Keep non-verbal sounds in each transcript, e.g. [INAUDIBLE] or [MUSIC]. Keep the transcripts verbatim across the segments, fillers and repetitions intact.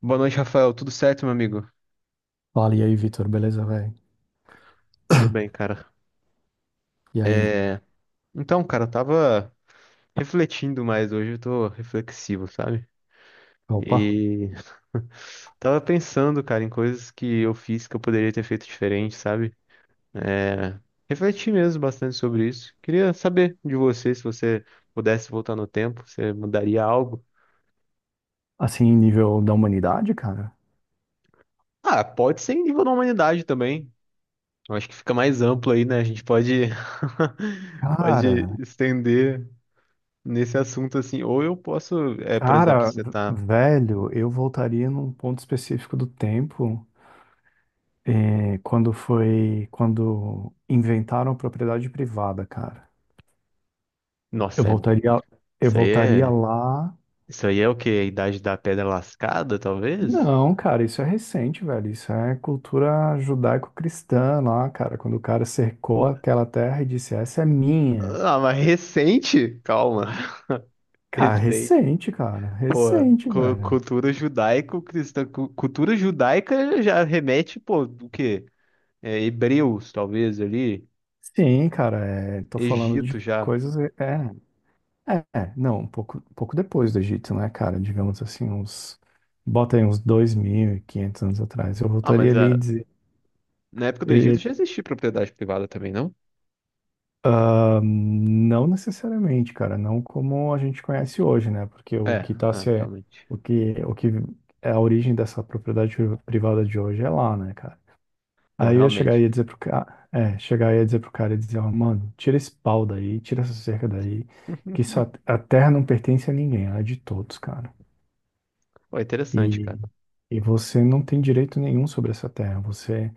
Boa noite, Rafael. Tudo certo, meu amigo? Fala, e aí, Vitor, beleza, velho? Tudo bem, cara. E aí? É... Então, cara, eu tava refletindo mais hoje, eu tô reflexivo, sabe? Opa, E [LAUGHS] tava pensando, cara, em coisas que eu fiz que eu poderia ter feito diferente, sabe? É... Refleti mesmo bastante sobre isso. Queria saber de você, se você pudesse voltar no tempo, você mudaria algo? assim, nível da humanidade, cara? Ah, pode ser em nível da humanidade também. Eu acho que fica mais amplo aí, né? A gente pode, [LAUGHS] pode Cara, estender. Nesse assunto assim, ou eu posso, é, por exemplo, cara, você v- tá, velho, eu voltaria num ponto específico do tempo, eh, quando foi, quando inventaram a propriedade privada, cara. Eu nossa, é- voltaria, eu isso aí voltaria é, lá. isso aí é o quê? A idade da pedra lascada, talvez? Não, cara, isso é recente, velho. Isso é cultura judaico-cristã lá, cara. Quando o cara cercou aquela terra e disse, essa é minha. Ah, mas recente? Calma. [LAUGHS] Cara, Recente. recente, cara. Pô, Recente, cu- velho. cultura judaico-cristã, cu- cultura judaica já remete, pô, do quê? É, hebreus, talvez ali, Sim, cara, é, tô falando de Egito já. coisas. É, é, é, não, um pouco, um pouco depois do Egito, né, cara? Digamos assim, uns. Bota aí uns dois mil e quinhentos anos atrás. Eu Ah, voltaria mas ali e a, dizer. na época do Egito e- já existia propriedade privada também, não? ah, não necessariamente, cara, não como a gente conhece hoje, né? Porque o É, que tá ah, se. realmente. O que, o que é a origem dessa propriedade privada de hoje é lá, né, cara? Não, Aí eu ia chegar e realmente. ia dizer pro cara, é, chegar e ia dizer pro cara e dizer, ó, mano, tira esse pau daí, tira essa cerca daí, que isso, [LAUGHS] a a terra não pertence a ninguém, ela é de todos, cara. Pô, interessante, E, cara. e você não tem direito nenhum sobre essa terra. Você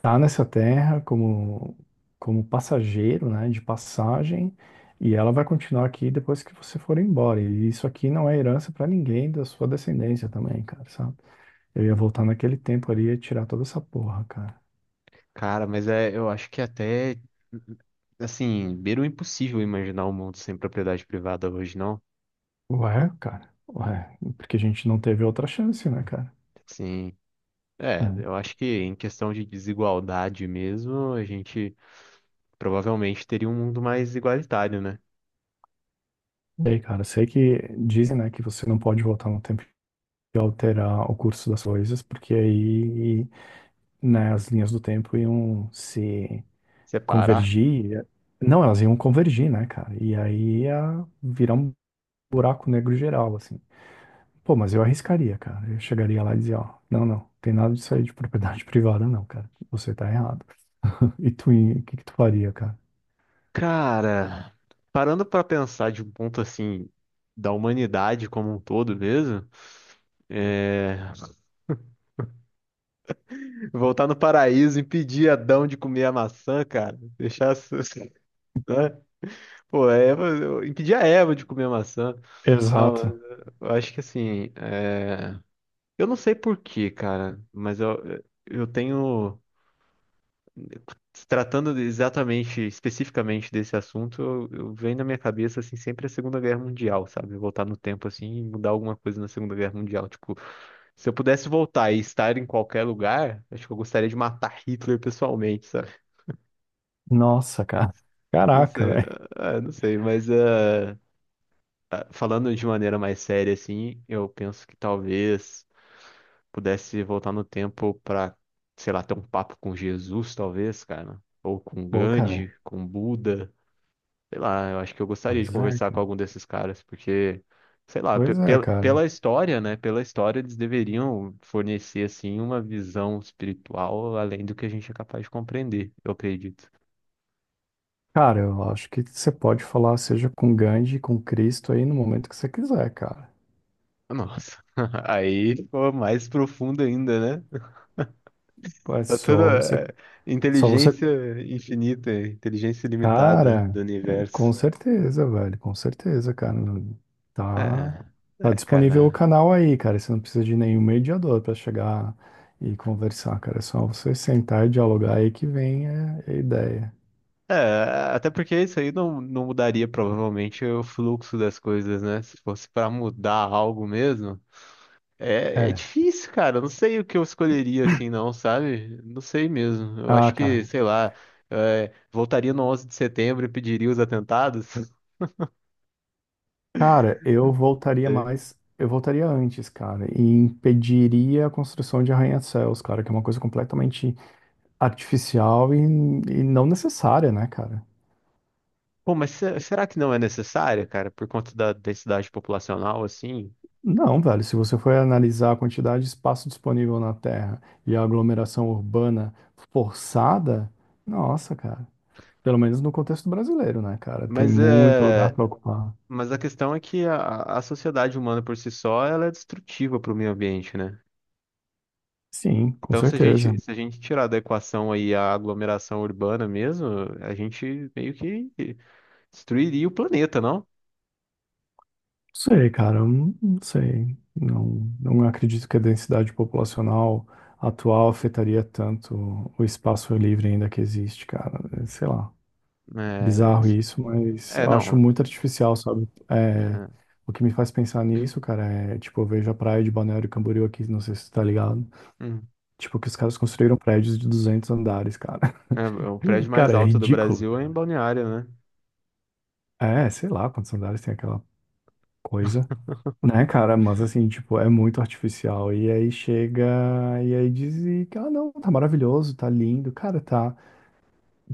tá nessa terra como, como passageiro, né, de passagem, e ela vai continuar aqui depois que você for embora. E isso aqui não é herança pra ninguém da sua descendência também, cara, sabe? Eu ia Hum, voltar hum. naquele tempo ali e ia tirar toda essa porra, cara. Cara, mas é, eu acho que até, assim, beira o impossível imaginar um mundo sem propriedade privada hoje, não? Ué, cara, ué, porque a gente não teve outra chance, né, cara? Sim. É, eu É. acho que em questão de desigualdade mesmo, a gente provavelmente teria um mundo mais igualitário, né? E aí, cara, sei que dizem, né, que você não pode voltar no tempo e alterar o curso das coisas, porque aí, né, as linhas do tempo iam se Separar. convergir. Não, elas iam convergir, né, cara? E aí ia virar um buraco negro geral, assim. Pô, mas eu arriscaria, cara. Eu chegaria lá e dizia, ó, não, não, tem nada disso aí de propriedade [LAUGHS] privada, não, cara. Você tá errado. E tu, o que que tu faria, cara? Cara, parando pra pensar de um ponto assim, da humanidade como um todo mesmo, é, [LAUGHS] voltar no paraíso, impedir Adão de comer a maçã, cara, deixar. [LAUGHS] Né? Pô, a Eva, eu impedia a Eva de comer maçã. Não, Exato. eu acho que assim, é, eu não sei por quê, cara, mas eu, eu tenho, se tratando de- exatamente, especificamente desse assunto, eu, eu venho na minha cabeça, assim, sempre a Segunda Guerra Mundial, sabe? Voltar no tempo, assim, e mudar alguma coisa na Segunda Guerra Mundial. Tipo, se eu pudesse voltar e estar em qualquer lugar, acho que eu gostaria de matar Hitler pessoalmente, sabe? Nossa, cara. Não Caraca, sei, velho. ah, não sei, mas... é, ah, falando de maneira mais séria, assim, eu penso que talvez pudesse voltar no tempo pra, sei lá, ter um papo com Jesus, talvez, cara. Ou com Pô, cara. Gandhi, com Buda. Sei lá, eu acho que eu gostaria de Pois é, conversar com cara. algum desses caras, porque, sei lá, pe- Pois é, pela, cara. pela história, né? Pela história, eles deveriam fornecer, assim, uma visão espiritual além do que a gente é capaz de compreender, eu acredito. Cara, eu acho que você pode falar, seja com Gandhi, com Cristo aí no momento que você quiser, cara. Nossa, [LAUGHS] aí ficou mais profundo ainda, né? Pô, é Tá só você. toda é, Só você. inteligência infinita, inteligência ilimitada do Cara, com universo. certeza, velho. Com certeza, cara. Não. Tá. É, Tá é, disponível o cara. canal aí, cara. Você não precisa de nenhum mediador pra chegar e conversar, cara. É só você sentar e dialogar aí que vem é, a ideia. É, até porque isso aí não, não mudaria provavelmente o fluxo das coisas, né? Se fosse pra mudar algo mesmo, é, é É. difícil, cara. Eu não sei o que eu escolheria assim, não, sabe? Não sei mesmo. Eu acho Ah, que, cara. sei lá, é, voltaria no onze de setembro e pediria os atentados. [LAUGHS] Cara, eu voltaria Sei. mais, eu voltaria antes, cara, e impediria a construção de arranha-céus, cara, que é uma coisa completamente artificial e, e não necessária, né, cara? Pô, mas se- será que não é necessário, cara, por conta da densidade populacional, assim? Não, velho, se você for analisar a quantidade de espaço disponível na Terra e a aglomeração urbana forçada, nossa, cara, pelo menos no contexto brasileiro, né, cara, tem Mas muito lugar é, para ocupar. mas a questão é que a, a sociedade humana por si só, ela é destrutiva para o meio ambiente, né? Sim, com Então, se a certeza. gente, se a gente tirar da equação aí a aglomeração urbana mesmo, a gente meio que destruiria o planeta, não? Sei, cara, eu não sei. Não, não acredito que a densidade populacional atual afetaria tanto o espaço livre ainda que existe, cara. É, sei lá, bizarro É, isso, mas é, eu acho não. muito artificial, sabe? É, É, o que me faz pensar nisso, cara, é tipo, eu vejo a praia de Balneário Camboriú aqui, não sei se você tá ligado. hum, Tipo, que os caras construíram prédios de duzentos andares, cara. é, é o [LAUGHS] prédio mais Cara, é alto do ridículo, Brasil é em cara. Balneário, né? É, sei lá quantos andares tem aquela coisa. Né, cara, mas assim, tipo, é muito artificial. E aí chega e aí diz e, ah, não, tá maravilhoso, tá lindo, cara, tá,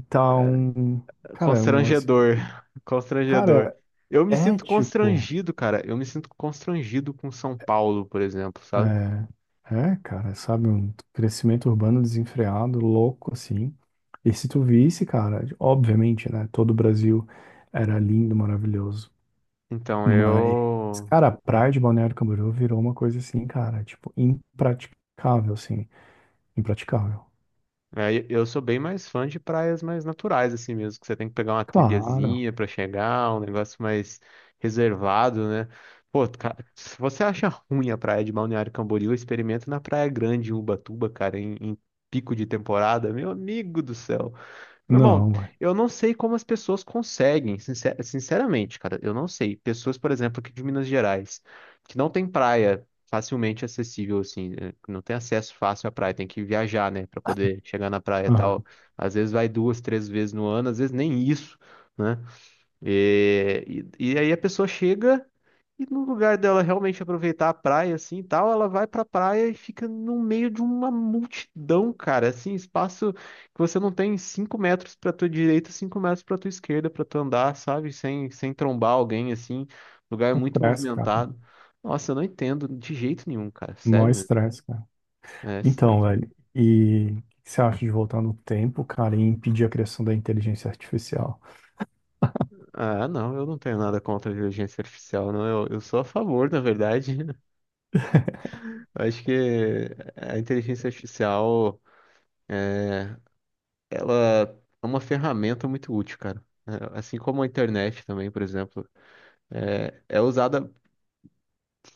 tá um, cara, é um assim, Constrangedor, [LAUGHS] constrangedor. cara, Eu me é sinto tipo, constrangido, cara. Eu me sinto constrangido com São Paulo, por exemplo, sabe? é, é, cara, sabe, um crescimento urbano desenfreado, louco, assim. E se tu visse, cara, obviamente, né, todo o Brasil era lindo, maravilhoso, Então mas, eu cara, a praia de Balneário Camboriú virou uma coisa assim, cara, tipo, impraticável, assim, impraticável. É, e- eu sou bem mais fã de praias mais naturais, assim mesmo, que você tem que pegar uma Claro. trilhazinha pra chegar, um negócio mais reservado, né? Pô, cara, se você acha ruim a praia de Balneário Camboriú, experimenta na Praia Grande, em Ubatuba, cara, em, em pico de temporada, meu amigo do céu. Meu irmão, Não, ué. eu não sei como as pessoas conseguem, sincer- sinceramente, cara, eu não sei. Pessoas, por exemplo, aqui de Minas Gerais, que não tem praia facilmente acessível, assim, eh, que não tem acesso fácil à praia, tem que viajar, né, pra poder chegar na praia e tal. Aham. Às vezes vai duas, três vezes no ano, às vezes nem isso, né? E, e, e aí a pessoa chega. E no lugar dela realmente aproveitar a praia assim e tal, ela vai pra praia e fica no meio de uma multidão, cara. Assim, espaço que você não tem cinco metros pra tua direita, cinco metros pra tua esquerda pra tu andar, sabe? Sem, sem trombar alguém, assim. Lugar muito Estresse, cara. movimentado. Nossa, eu não entendo de jeito nenhum, cara. Mó Sério mesmo. estresse, cara. É Então, estresse. velho, e o que você acha de voltar no tempo, cara, e impedir a criação da inteligência artificial? Ah, não, eu não tenho nada contra a inteligência artificial, não. Eu, eu sou a favor, na verdade. [LAUGHS] Eu acho que a inteligência artificial. Ela é uma ferramenta muito útil, cara. É, assim como a internet também, por exemplo, é, é usada,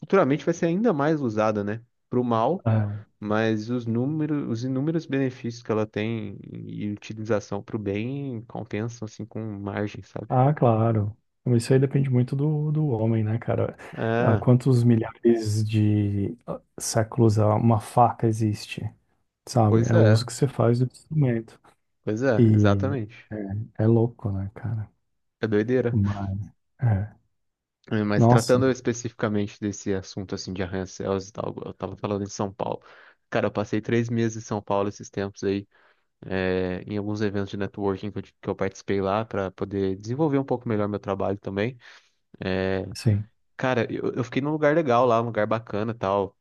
futuramente vai ser ainda mais usada, né? Para o mal, É. mas os números, os inúmeros benefícios que ela tem e utilização para o bem compensam, assim, com margem, sabe? Ah, claro. Mas isso aí depende muito do, do homem, né, cara? Há É, quantos milhares de ah, séculos ah, uma faca existe, sabe? pois É o é, uso que você faz do instrumento. pois é, E exatamente. é, é louco, né, cara? É doideira. Mas, é. É, mas Nossa, tratando especificamente desse assunto, assim, de arranha-céus e tal, eu tava falando em São Paulo. Cara, eu passei três meses em São Paulo esses tempos aí. É, em alguns eventos de networking que eu, que eu participei lá para poder desenvolver um pouco melhor meu trabalho também. sim. Cara, eu, eu fiquei num lugar legal lá, um lugar bacana e tal.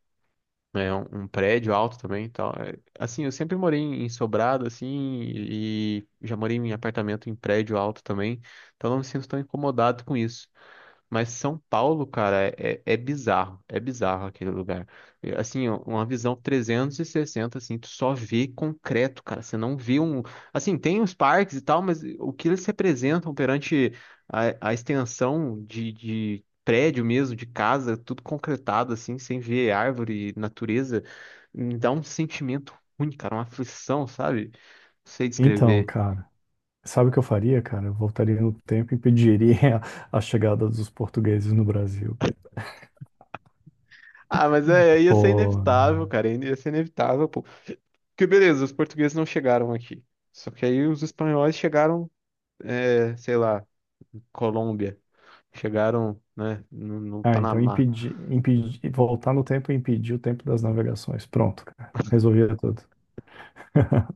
É um, um prédio alto também, e tal. É, assim, eu sempre morei em em sobrado, assim, e já morei em apartamento em prédio alto também, então não me sinto tão incomodado com isso. Mas São Paulo, cara, é, é é bizarro. É bizarro aquele lugar. É, assim, ó, uma visão trezentos e sessenta, assim, tu só vê concreto, cara. Você não vê um. Assim, tem os parques e tal, mas o que eles representam perante a, a extensão de, de prédio mesmo, de casa, tudo concretado, assim, sem ver árvore, natureza, me dá um sentimento ruim, cara, uma aflição, sabe? Não sei Então, descrever. cara. Sabe o que eu faria, cara? Eu voltaria no tempo e impediria [LAUGHS] a, a chegada dos portugueses no Brasil, cara. Ah, mas é, ia ser Pô, inevitável, cara. Ia ser inevitável, porque beleza, os portugueses não chegaram aqui. Só que aí os espanhóis chegaram, é, sei lá, Colômbia. Chegaram, né, no, no ah, então Panamá. impedir, impedir, voltar no tempo e impedir o tempo das navegações. Pronto, cara. Resolvia tudo.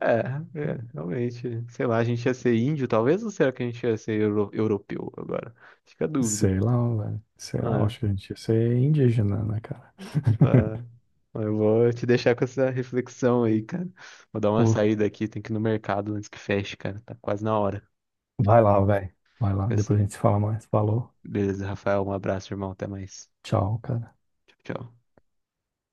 É, é, realmente. Sei lá, a gente ia ser índio, talvez, ou será que a gente ia ser euro- europeu agora? Fica a dúvida. Sei lá, velho. Sei lá, É, acho que a gente ia ser indígena, né, cara? é. [LAUGHS] Mas eu vou te deixar com essa reflexão aí, cara. Vou dar uma Pô, saída aqui, tem que ir no mercado antes que feche, cara. Tá quase na hora. vai lá, velho. Vai lá. Fica Depois a assim. gente se fala mais. Falou. Beleza, Rafael, um abraço, irmão. Até mais. Tchau, cara. Tchau, tchau.